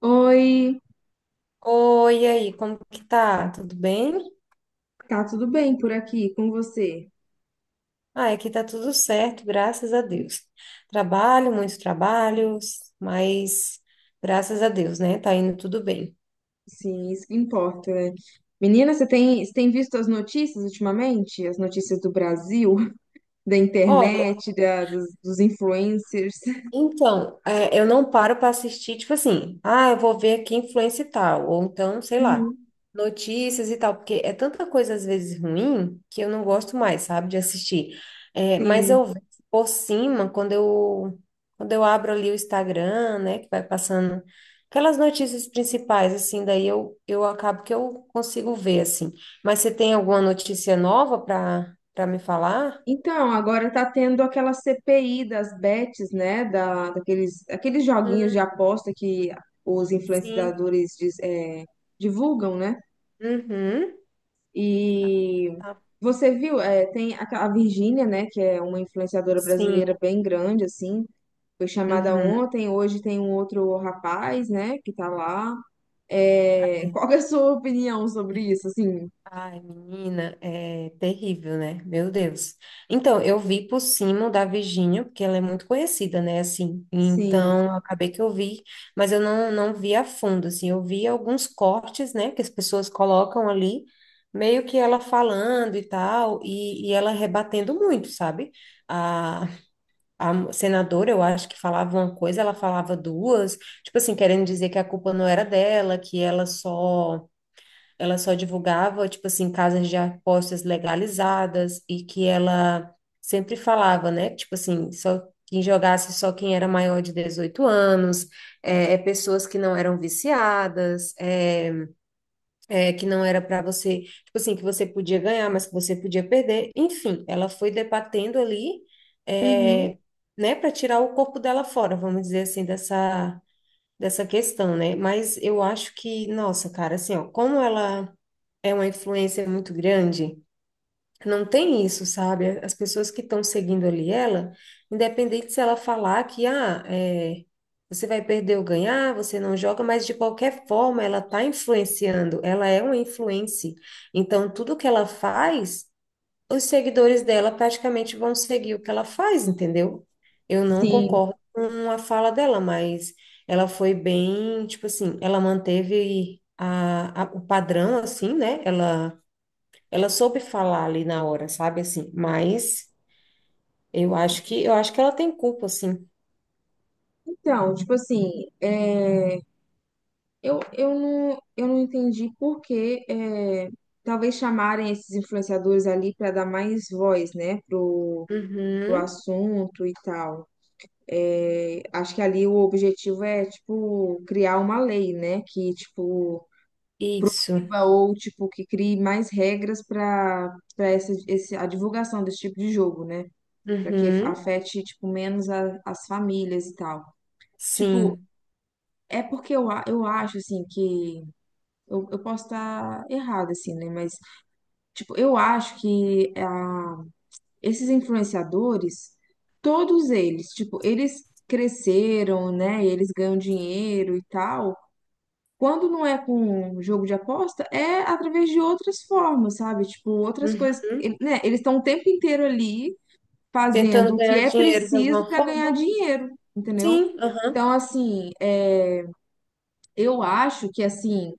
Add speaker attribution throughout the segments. Speaker 1: Oi,
Speaker 2: Oi, e aí, como que tá? Tudo bem?
Speaker 1: tá tudo bem por aqui com você?
Speaker 2: Ah, aqui tá tudo certo, graças a Deus. Trabalho, muitos trabalhos, mas graças a Deus, né? Tá indo tudo bem.
Speaker 1: Sim, isso que importa, né? Menina, você tem visto as notícias ultimamente? As notícias do Brasil, da internet, dos influencers?
Speaker 2: Então, eu não paro para assistir, tipo assim, ah, eu vou ver aqui influência e tal, ou então, sei lá,
Speaker 1: Uhum.
Speaker 2: notícias e tal, porque é tanta coisa às vezes ruim que eu não gosto mais, sabe, de assistir. É, mas eu
Speaker 1: Sim.
Speaker 2: vejo por cima, quando eu abro ali o Instagram, né, que vai passando aquelas notícias principais, assim, daí eu acabo que eu consigo ver, assim. Mas você tem alguma notícia nova para me falar?
Speaker 1: Então, agora tá tendo aquela CPI das bets, né? Aqueles joguinhos de
Speaker 2: Hum,
Speaker 1: aposta que os
Speaker 2: sim.
Speaker 1: influenciadores divulgam, né?
Speaker 2: Uhum.
Speaker 1: E
Speaker 2: Tá.
Speaker 1: você viu, tem a Virgínia, né, que é uma influenciadora brasileira
Speaker 2: Sim.
Speaker 1: bem grande, assim, foi chamada
Speaker 2: Uhum.
Speaker 1: ontem, hoje tem um outro rapaz, né, que tá lá. É, qual que é a sua opinião sobre isso, assim?
Speaker 2: Ai, menina, é terrível, né? Meu Deus. Então, eu vi por cima da Virgínia, porque ela é muito conhecida, né? Assim,
Speaker 1: Sim.
Speaker 2: então acabei que eu vi, mas eu não vi a fundo, assim, eu vi alguns cortes, né? Que as pessoas colocam ali, meio que ela falando e tal, e ela rebatendo muito, sabe? A, a senadora, eu acho que falava uma coisa, ela falava duas, tipo assim, querendo dizer que a culpa não era dela, que ela só ela só divulgava, tipo assim, casas de apostas legalizadas e que ela sempre falava, né? Tipo assim, só quem jogasse só quem era maior de 18 anos, é pessoas que não eram viciadas, que não era para você, tipo assim, que você podia ganhar, mas que você podia perder. Enfim, ela foi debatendo ali,
Speaker 1: Uhum.
Speaker 2: é, né, para tirar o corpo dela fora, vamos dizer assim, dessa questão, né? Mas eu acho que, nossa, cara, assim, ó, como ela é uma influência muito grande, não tem isso, sabe? As pessoas que estão seguindo ali ela, independente se ela falar que, ah, é, você vai perder ou ganhar, você não joga, mas de qualquer forma ela tá influenciando, ela é uma influência. Então, tudo que ela faz os seguidores dela praticamente vão seguir o que ela faz, entendeu? Eu não
Speaker 1: Sim.
Speaker 2: concordo com a fala dela, mas ela foi bem, tipo assim, ela manteve o padrão, assim, né? Ela soube falar ali na hora, sabe, assim, mas eu acho que ela tem culpa, assim.
Speaker 1: Então, tipo assim, eu não entendi por que é, talvez chamarem esses influenciadores ali para dar mais voz, né, pro
Speaker 2: Uhum,
Speaker 1: assunto e tal. Acho que ali o objetivo é, tipo, criar uma lei, né? Que, tipo,
Speaker 2: isso,
Speaker 1: proíba ou, tipo, que crie mais regras para a divulgação desse tipo de jogo, né? Para que
Speaker 2: uhum,
Speaker 1: afete, tipo, menos as famílias e tal. Tipo,
Speaker 2: sim,
Speaker 1: é porque eu acho, assim, que... Eu posso estar errada, assim, né? Mas, tipo, eu acho que esses influenciadores, todos eles, tipo, eles cresceram, né? Eles ganham dinheiro e tal. Quando não é com jogo de aposta, é através de outras formas, sabe? Tipo, outras coisas.
Speaker 2: uhum.
Speaker 1: Eles estão o tempo inteiro ali fazendo
Speaker 2: Tentando
Speaker 1: o que
Speaker 2: ganhar
Speaker 1: é
Speaker 2: dinheiro de
Speaker 1: preciso
Speaker 2: alguma
Speaker 1: para
Speaker 2: forma?
Speaker 1: ganhar dinheiro, entendeu?
Speaker 2: Sim, aham,
Speaker 1: Então, assim, eu acho que, assim,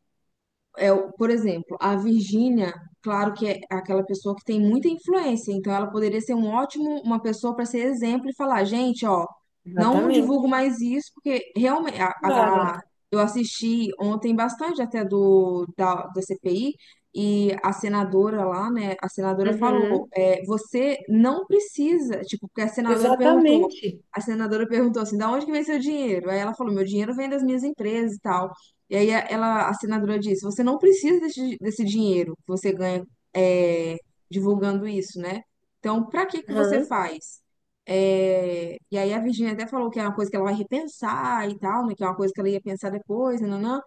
Speaker 1: por exemplo, a Virgínia, claro que é aquela pessoa que tem muita influência, então ela poderia ser uma pessoa para ser exemplo e falar, gente, ó, não divulgo
Speaker 2: exatamente.
Speaker 1: mais isso, porque realmente.
Speaker 2: Claro.
Speaker 1: Eu assisti ontem bastante até da CPI e a senadora lá, né, a senadora falou,
Speaker 2: Uhum.
Speaker 1: você não precisa, tipo, porque a senadora perguntou,
Speaker 2: Exatamente.
Speaker 1: a senadora perguntou assim, da onde que vem seu dinheiro? Aí ela falou, meu dinheiro vem das minhas empresas e tal. E aí a senadora disse, você não precisa desse dinheiro que você ganha é, divulgando isso, né? Então, pra que que você
Speaker 2: Aham,
Speaker 1: faz? É, e aí a Virginia até falou que é uma coisa que ela vai repensar e tal, né? Que é uma coisa que ela ia pensar depois, nananã.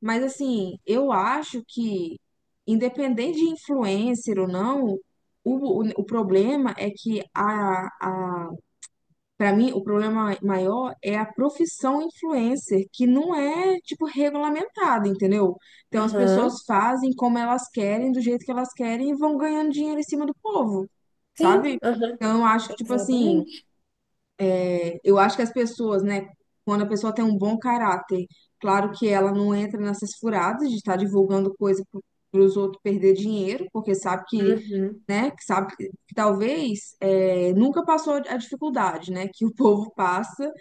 Speaker 1: Mas assim, eu acho que, independente de influencer ou não, o problema é que a para mim, o problema maior é a profissão influencer, que não é, tipo, regulamentada, entendeu? Então, as
Speaker 2: aham.
Speaker 1: pessoas fazem como elas querem, do jeito que elas querem e vão ganhando dinheiro em cima do povo,
Speaker 2: Sim,
Speaker 1: sabe?
Speaker 2: aham,
Speaker 1: Então, eu acho que, tipo assim,
Speaker 2: exatamente.
Speaker 1: eu acho que as pessoas, né, quando a pessoa tem um bom caráter, claro que ela não entra nessas furadas de estar divulgando coisa para os outros perder dinheiro, porque sabe que,
Speaker 2: Uhum,
Speaker 1: né, que sabe que talvez é, nunca passou a dificuldade, né, que o povo passa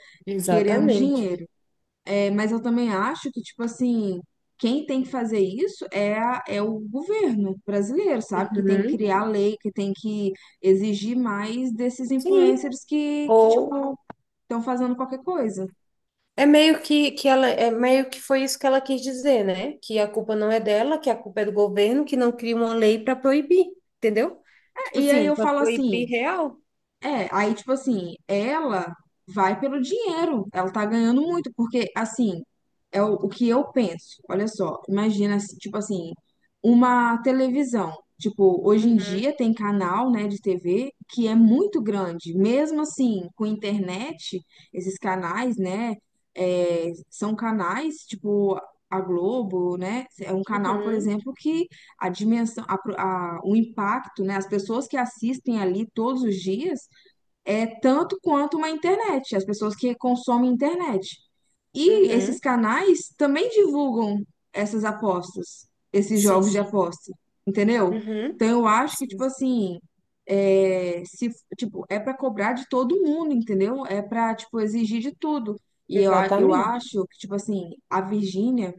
Speaker 1: querendo
Speaker 2: exatamente.
Speaker 1: dinheiro. É, mas eu também acho que, tipo assim, quem tem que fazer isso é o governo brasileiro, sabe? Que tem que
Speaker 2: Uhum,
Speaker 1: criar lei, que tem que exigir mais desses
Speaker 2: sim.
Speaker 1: influencers que
Speaker 2: Ou
Speaker 1: tipo, estão fazendo qualquer coisa.
Speaker 2: é meio que ela é meio que foi isso que ela quis dizer, né? Que a culpa não é dela, que a culpa é do governo, que não cria uma lei para proibir, entendeu? Tipo
Speaker 1: E aí
Speaker 2: assim,
Speaker 1: eu
Speaker 2: para
Speaker 1: falo
Speaker 2: proibir
Speaker 1: assim,
Speaker 2: real.
Speaker 1: Aí, tipo assim, ela vai pelo dinheiro, ela tá ganhando muito, porque, assim, é o que eu penso. Olha só, imagina, assim, tipo assim, uma televisão. Tipo, hoje em
Speaker 2: Uhum,
Speaker 1: dia tem canal, né, de TV que é muito grande. Mesmo assim, com internet, esses canais, né, são canais, tipo, a Globo, né, é um canal, por
Speaker 2: uhum,
Speaker 1: exemplo, que a dimensão, o impacto, né, as pessoas que assistem ali todos os dias é tanto quanto uma internet, as pessoas que consomem internet. E esses
Speaker 2: uhum.
Speaker 1: canais também divulgam essas apostas, esses jogos de
Speaker 2: Sim.
Speaker 1: aposta, entendeu?
Speaker 2: Uhum.
Speaker 1: Então eu acho que, tipo
Speaker 2: Sim.
Speaker 1: assim, é, se, tipo, é para cobrar de todo mundo, entendeu? É para, tipo, exigir de tudo. E eu
Speaker 2: Exatamente.
Speaker 1: acho que, tipo assim, a Virgínia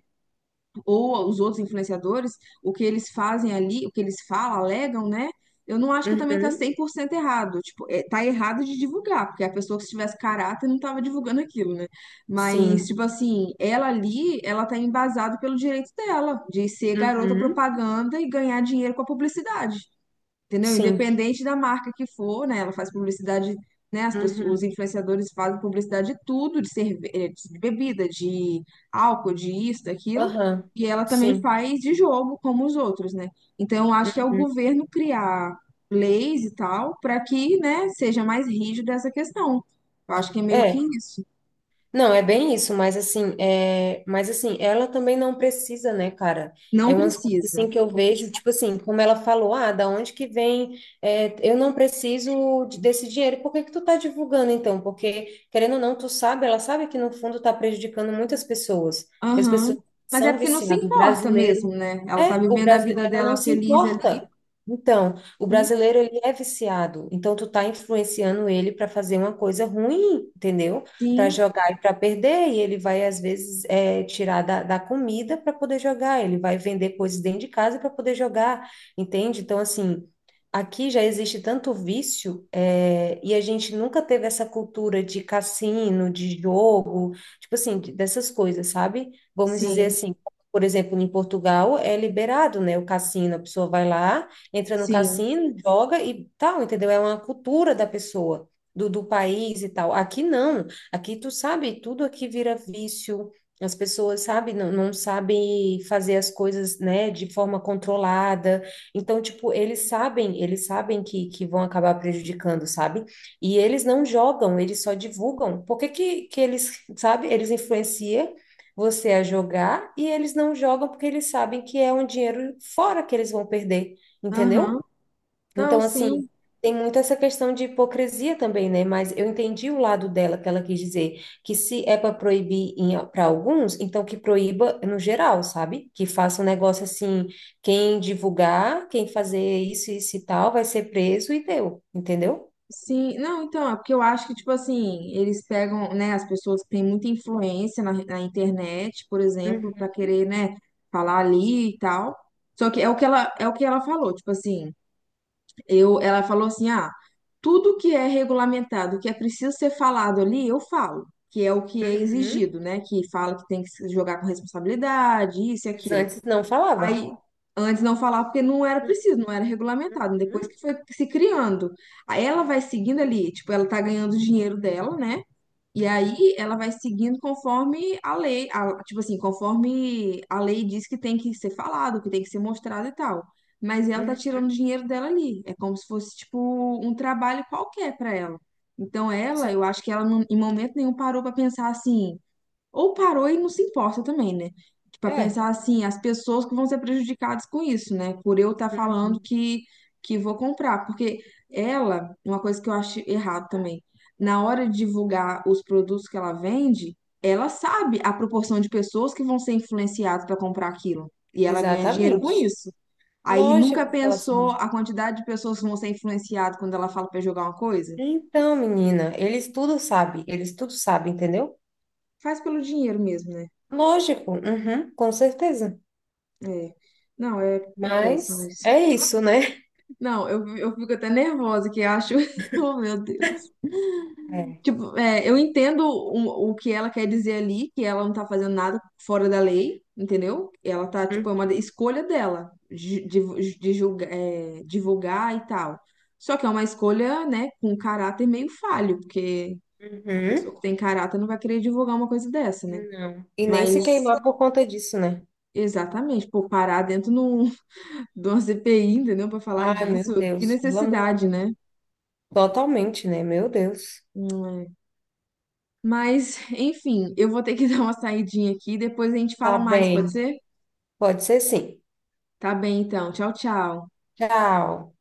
Speaker 1: ou os outros influenciadores, o que eles fazem ali, o que eles falam, alegam, né? Eu não acho que também tá
Speaker 2: Uhum.
Speaker 1: 100% errado. Tipo, é, tá errado de divulgar, porque a pessoa que se tivesse caráter não tava divulgando aquilo, né? Mas,
Speaker 2: Sim.
Speaker 1: tipo assim, ela ali, ela tá embasada pelo direito dela de ser garota
Speaker 2: Uhum.
Speaker 1: propaganda e ganhar dinheiro com a publicidade, entendeu?
Speaker 2: Sim.
Speaker 1: Independente da marca que for, né? Ela faz publicidade, né? As pessoas,
Speaker 2: Uhum.
Speaker 1: os influenciadores fazem publicidade de tudo, de cerveja, de bebida, de álcool, de isso, daquilo.
Speaker 2: Aham.
Speaker 1: E ela também
Speaker 2: Sim.
Speaker 1: faz de jogo, como os outros, né? Então, eu acho que é
Speaker 2: Uhum.
Speaker 1: o governo criar leis e tal, para que, né, seja mais rígido essa questão. Eu acho que é meio que
Speaker 2: É.
Speaker 1: isso.
Speaker 2: Não, é bem isso, mas assim, mas assim, ela também não precisa, né, cara?
Speaker 1: Não
Speaker 2: É umas coisas
Speaker 1: precisa.
Speaker 2: assim que eu vejo, tipo assim, como ela falou, ah, da onde que vem? É, eu não preciso desse dinheiro. Por que que tu tá divulgando então? Porque querendo ou não, tu sabe, ela sabe que no fundo tá prejudicando muitas pessoas. As
Speaker 1: Aham.
Speaker 2: pessoas
Speaker 1: Mas é
Speaker 2: são
Speaker 1: porque não se
Speaker 2: viciadas.
Speaker 1: importa mesmo, né? Ela tá
Speaker 2: O
Speaker 1: vivendo a
Speaker 2: brasileiro,
Speaker 1: vida
Speaker 2: ela não
Speaker 1: dela
Speaker 2: se
Speaker 1: feliz ali.
Speaker 2: importa. Então, o
Speaker 1: Hum,
Speaker 2: brasileiro ele é viciado. Então, tu tá influenciando ele para fazer uma coisa ruim, entendeu? Para
Speaker 1: Sim,
Speaker 2: jogar e para perder, e ele vai, às vezes, é, tirar da comida para poder jogar, ele vai vender coisas dentro de casa para poder jogar, entende? Então, assim, aqui já existe tanto vício, é, e a gente nunca teve essa cultura de cassino, de jogo, tipo assim, dessas coisas, sabe? Vamos dizer
Speaker 1: sim.
Speaker 2: assim. Por exemplo, em Portugal é liberado, né? O cassino, a pessoa vai lá, entra no
Speaker 1: Sim,
Speaker 2: cassino, joga e tal, entendeu? É uma cultura da pessoa, do país e tal. Aqui não. Aqui tu sabe, tudo aqui vira vício. As pessoas, sabe, não sabem fazer as coisas, né, de forma controlada. Então, tipo, eles sabem que vão acabar prejudicando, sabe? E eles não jogam, eles só divulgam. Por que que eles, sabe, eles influenciam você a jogar e eles não jogam porque eles sabem que é um dinheiro fora que eles vão perder,
Speaker 1: aham.
Speaker 2: entendeu?
Speaker 1: Não,
Speaker 2: Então, assim,
Speaker 1: sim,
Speaker 2: tem muito essa questão de hipocrisia também, né? Mas eu entendi o lado dela, que ela quis dizer que se é para proibir para alguns, então que proíba no geral, sabe? Que faça um negócio assim, quem divulgar, quem fazer isso, isso e tal, vai ser preso e deu, entendeu?
Speaker 1: sim. Não, então, é porque eu acho que, tipo assim, eles pegam, né, as pessoas que têm muita influência na internet, por exemplo,
Speaker 2: Uhum.
Speaker 1: pra querer, né, falar ali e tal. Só que é o que ela falou, tipo assim, ela falou assim, ah, tudo que é regulamentado, que é preciso ser falado ali, eu falo, que é o que é exigido, né, que fala que tem que se jogar com responsabilidade, isso e
Speaker 2: Mas
Speaker 1: aquilo.
Speaker 2: antes não falava.
Speaker 1: Aí, antes não falava porque não era preciso, não era regulamentado. Depois
Speaker 2: Uhum.
Speaker 1: que foi se criando. Aí ela vai seguindo ali, tipo, ela tá ganhando o dinheiro dela, né? E aí ela vai seguindo conforme a lei, tipo assim, conforme a lei diz que tem que ser falado, que tem que ser mostrado e tal. Mas ela tá
Speaker 2: Uhum.
Speaker 1: tirando o dinheiro dela ali. É como se fosse, tipo, um trabalho qualquer pra ela. Então
Speaker 2: Sim,
Speaker 1: eu acho que ela em momento nenhum parou pra pensar assim, ou parou e não se importa também, né? Para
Speaker 2: é.
Speaker 1: pensar assim, as pessoas que vão ser prejudicadas com isso, né? Por eu estar falando
Speaker 2: Uhum.
Speaker 1: que vou comprar. Porque uma coisa que eu acho errado também, na hora de divulgar os produtos que ela vende, ela sabe a proporção de pessoas que vão ser influenciadas para comprar aquilo. E ela ganha dinheiro com
Speaker 2: Exatamente.
Speaker 1: isso. Aí
Speaker 2: Lógico
Speaker 1: nunca
Speaker 2: que ela
Speaker 1: pensou
Speaker 2: sabe.
Speaker 1: a quantidade de pessoas que vão ser influenciadas quando ela fala para jogar uma coisa?
Speaker 2: Então, menina, eles tudo sabem, entendeu?
Speaker 1: Faz pelo dinheiro mesmo, né?
Speaker 2: Lógico, uhum, com certeza.
Speaker 1: É. Não, é péssimo
Speaker 2: Mas
Speaker 1: isso.
Speaker 2: é isso, né?
Speaker 1: Não, eu fico até nervosa, que eu acho. Oh, meu Deus.
Speaker 2: É.
Speaker 1: Tipo, eu entendo o que ela quer dizer ali, que ela não tá fazendo nada fora da lei, entendeu? Ela tá, tipo, é uma
Speaker 2: Uhum.
Speaker 1: escolha dela divulgar e tal. Só que é uma escolha, né, com caráter meio falho, porque a pessoa
Speaker 2: Uhum.
Speaker 1: que tem caráter não vai querer divulgar uma coisa dessa, né?
Speaker 2: Não. E nem se
Speaker 1: Mas,
Speaker 2: queimar por conta disso, né?
Speaker 1: exatamente, pô, parar dentro de uma CPI, entendeu? Pra falar
Speaker 2: Ai,
Speaker 1: disso,
Speaker 2: meu
Speaker 1: que
Speaker 2: Deus, pelo amor de
Speaker 1: necessidade,
Speaker 2: Deus.
Speaker 1: né?
Speaker 2: Totalmente, né? Meu Deus.
Speaker 1: Mas, enfim, eu vou ter que dar uma saidinha aqui, depois a gente
Speaker 2: Tá
Speaker 1: fala mais, pode
Speaker 2: bem.
Speaker 1: ser?
Speaker 2: Pode ser sim.
Speaker 1: Tá bem, então. Tchau, tchau.
Speaker 2: Tchau.